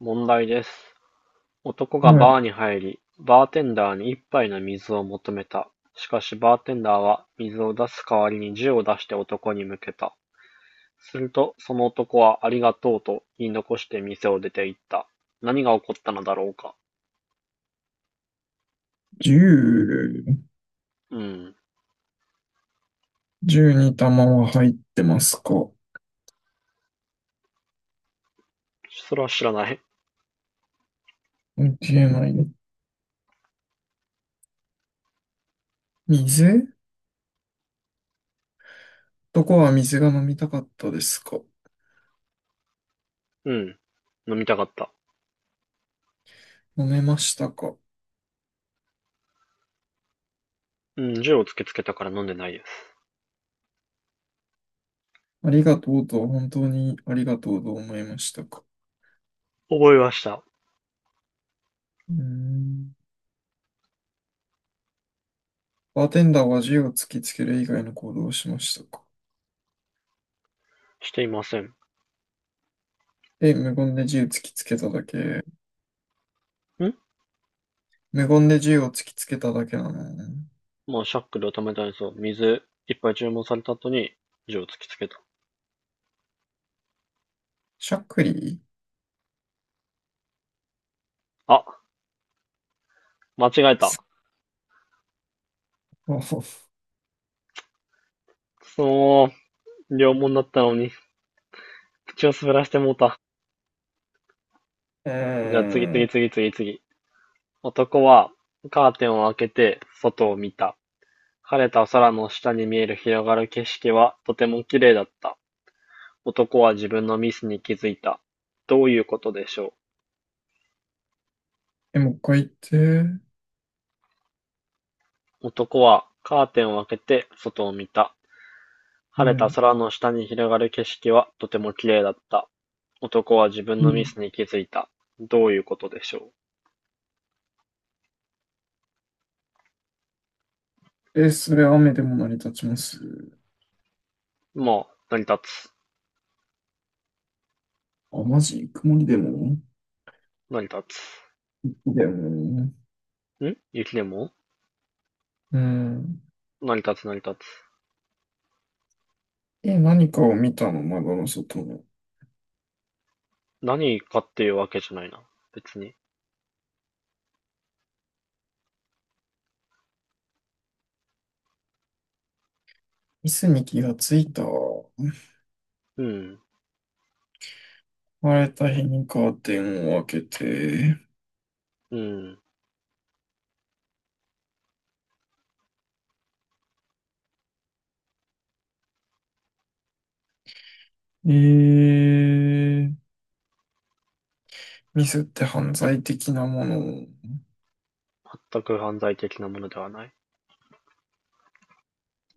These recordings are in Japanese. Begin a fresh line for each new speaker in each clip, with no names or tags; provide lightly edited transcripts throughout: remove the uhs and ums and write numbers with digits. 問題です。男が
は
バー
い。
に入り、バーテンダーに一杯の水を求めた。しかし、バーテンダーは、水を出す代わりに銃を出して男に向けた。すると、その男は、ありがとうと言い残して店を出て行った。何が起こったのだろうか。
10、
うん。
1玉は入ってますか？
それは知らない。
見えない。水どこは水が飲みたかったですか？
うん。飲みたかった。
飲めましたか？
うん、銃を突きつけたから飲んでないです。
ありがとうとは本当にありがとうと思いましたか？
覚えました。
うーん。バーテンダーは銃を突きつける以外の行動をしましたか？
していません。
え、無言で銃突きつけただけ。
ん
無言で銃を突きつけただけなのね。
まあ、シャックルを止めたんですよ。水、いっぱい注文された後に、銃を突きつけた。
しゃっくり
あ、間違え
くそ
た。
う。
くそー、両門だったのに、口を滑らしてもうた。
う
じゃあ次
ー
次
ん。
次次次。男はカーテンを開けて外を見た。晴れた空の下に見える広がる景色はとても綺麗だった。男は自分のミスに気づいた。どういうことでしょ
え、もう一回言って。
う。男はカーテンを開けて外を見た。
う
晴れた
ん。
空の下に広がる景色はとても綺麗だった。男は自分のミスに気づいた。どういうことでしょ
え、それ雨でも成り立ちます。
う。まあ、成り立つ。
あ、マジ曇りでも
成り立つ。
でも、
雪でも
うん。
成り立つ成り立つ。
え、何かを見たの、窓の外の。
何かっていうわけじゃないな。別に。
椅子に気がついた。
うん。
晴れた日にカーテンを開けて。
うん。
えー、ミスって犯罪的なもの。
全く犯罪的なものではない。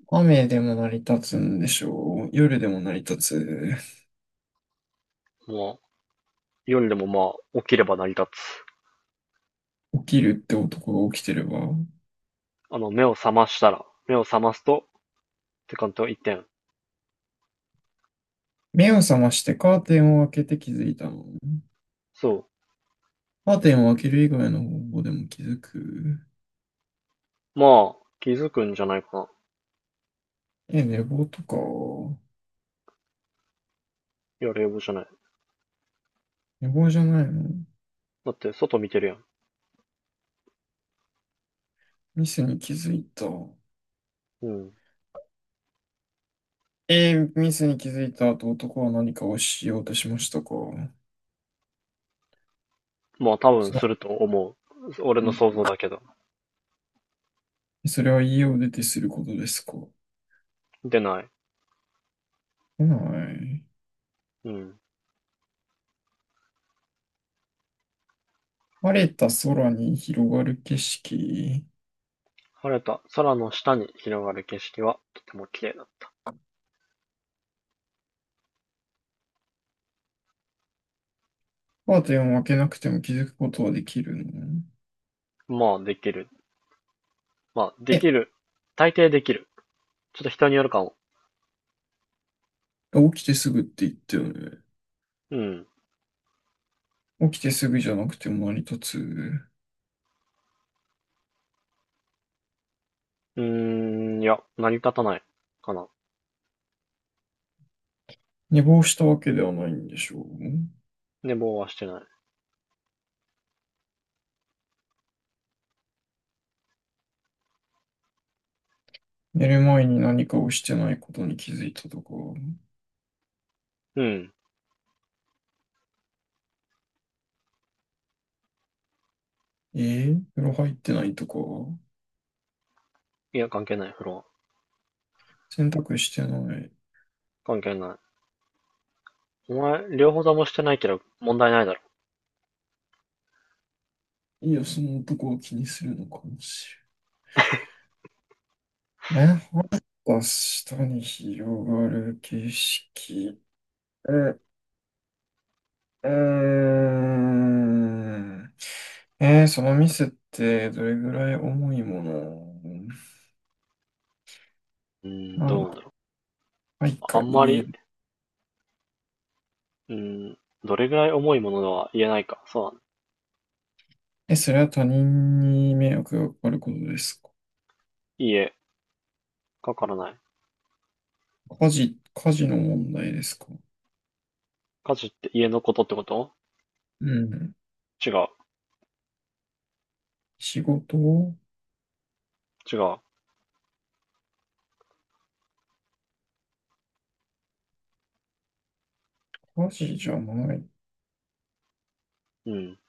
雨でも成り立つんでしょう。夜でも成り立つ。
まあ、夜でもまあ、起きれば成り立つ。
起きるって男が起きてれば。
あの、目を覚ましたら、目を覚ますと、って感じは一点。
目を覚ましてカーテンを開けて気づいたの。
そ
カーテンを開ける以外の方法でも気づく。
う。まあ、気づくんじゃないかな。
え、寝坊とか、
いや、冷房じゃない。
寝坊じゃないの？
だって、外見てるやん。
ミスに気づいた。
うん。
ミスに気づいた後、男は何かをしようとしましたか？
まあ、多分
そ
す
れ、
ると思う。俺の想像だけど。
それは家を出てすることですか？来
出ない。
ない。
うん。
晴れた空に広がる景色。
晴れた空の下に広がる景色はとても綺麗だった。
カーテンを開けなくても気づくことはできるの？
まあ、できる。まあ、で
え、
きる。大抵できる。ちょっと人によるかも。
起きてすぐって言ったよね。
うん。
起きてすぐじゃなくても成り立つ。
うーいや、成り立たない。かな。
寝坊したわけではないんでしょう。
寝坊はしてない。
寝る前に何かをしてないことに気づいたとか、
うん。
風呂入ってないとか、
いや、関係ない、風呂は。
洗濯してない。
関係ない。お前、両方ともしてないけど、問題ないだろ。
いや、その男を気にするのかもしれない。え、また下に広がる景色。う、うーん。その店ってどれぐらい重いもの
うーん、
な
ど
ん
うな
だ、
んだろ
はい
う。まあ
か
んま
言え
り、
る。
うーん、どれぐらい重いものとは言えないか。そうだね。
え、それは他人に迷惑がかかることですか？
家、かからない。
家事の問題ですか？
家事って家のことってこと？
うん。
違う。
仕事を
違う。
家事じゃない。
うん。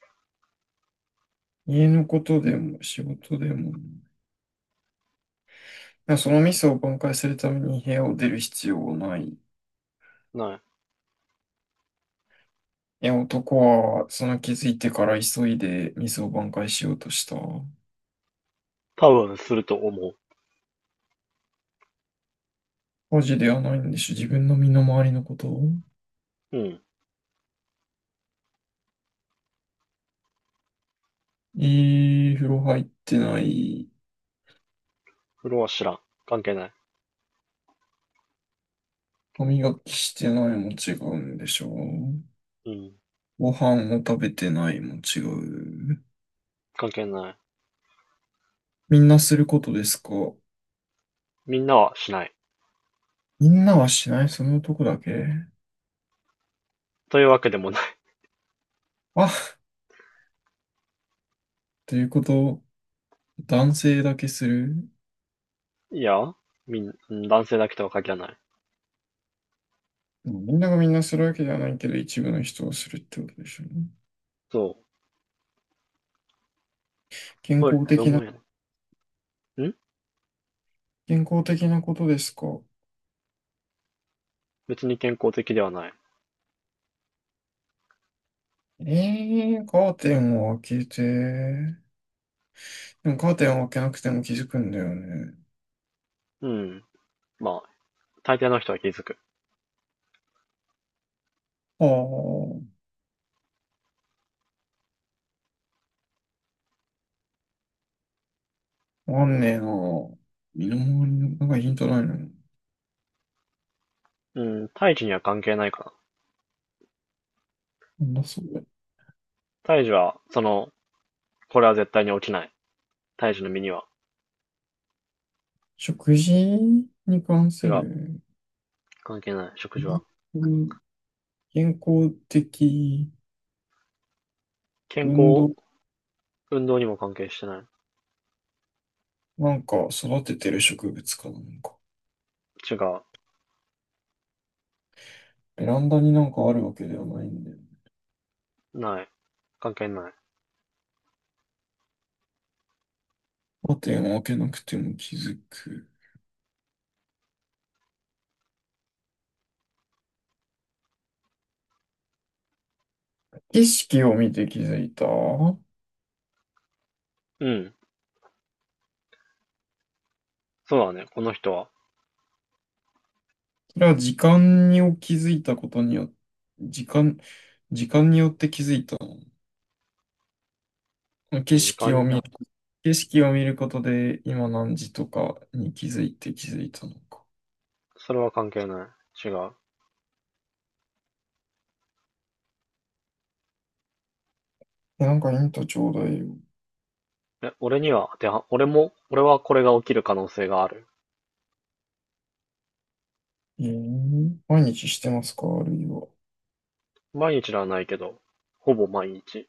家のことでも仕事でもない。そのミスを挽回するために部屋を出る必要はない。い
ない。
や、男はその気づいてから急いでミスを挽回しようとした。
多分すると思
家事ではないんでしょ。自分の身の回りのこと。
う。うん。
いい風呂入ってない。
風呂は知らん。関係ない。
歯磨きしてないも違うんでしょう。
うん。
ご飯を食べてないも違う。
関係ない。
みんなすることですか？
みんなはしない。
みんなはしないその男だけ
というわけでもな
あということを男性だけする。
い。いや、みん、男性だけとは限らない。
でもみんながみんなするわけではないけど、一部の人をするってことでしょうね。
そう。
健
これ、
康
両
的な、
毛やな。
健康的なことですか。
別に健康的ではない。
カーテンを開けて。でもカーテンを開けなくても気づくんだよね。
うん。まあ、大抵の人は気づく。
ああ、わかんねえな。身の回りの、なんかヒントないの？な
うん、胎児には関係ないかな。
んだそれ。
胎児は、その、これは絶対に起きない。胎児の身には。
食事に関
違
す
う。
る。
関係ない。食事は。
うん健康的
健
運
康、
動、
運動にも関係してない。
なんか育ててる植物かなんか。
違う。
ベランダになんかあるわけではないんだよ。
ない。関係ない。
カーテンを開けなくても気づく。景色を見て気づいた。そ
うん。そうだね。この人は。
れは時間に気づいたことによって、時間、時間によって気づいたの？景
時
色を見
間、
る、景色を見ることで今何時とかに気づいたのか。
それは関係ない。違う。
えなんかヒントちょうだいよ。
え、俺には当ては、俺も、俺はこれが起きる可能性がある。
毎日してますかあるいは。
毎日ではないけど、ほぼ毎日、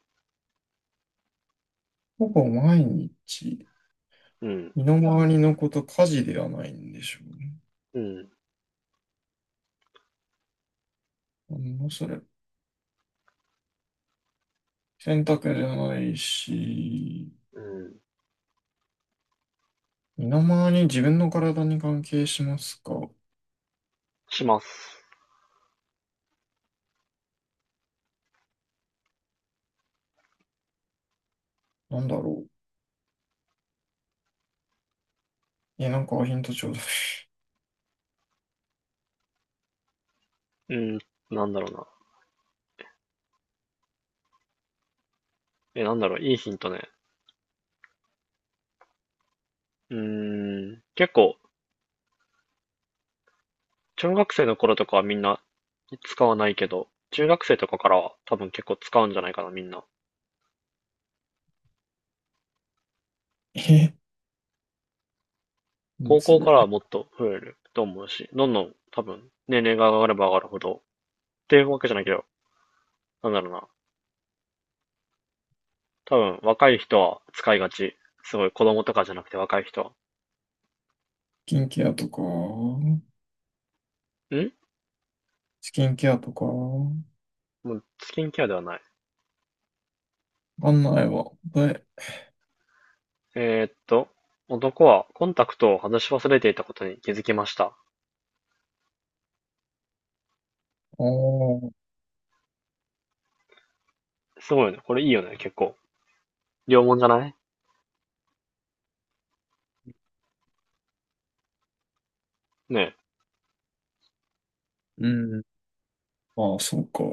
ほぼ毎日。
うん、
身の回りのこと、家事ではないんでしょうね。
うん、
なんだそれ。選択じゃないし、
うん、
身の回りに自分の体に関係しますか？
します。
なんだろう。え、なんかヒントちょうだい。
うん、なんだろうな。え、なんだろう、いいヒントね。結構、中学生の頃とかはみんな使わないけど、中学生とかからは多分結構使うんじゃないかな、みんな。
え、もう
高
そ
校
れ。
からはもっと増えると思うし、どんどん多分年齢が上がれば上がるほど、っていうわけじゃないけど、なんだろうな。多分若い人は使いがち。すごい子供とかじゃなくて若い人は。
キンケアとか、
ん
スキンケアとか、わ
もうスキンケアではない。
かんないわ。で、
えーっと、男はコンタクトを外し忘れていたことに気づきました。
ああ、
すごいよね。これいいよね、結構。両門じゃないねえ。
うん。まあ、そうか。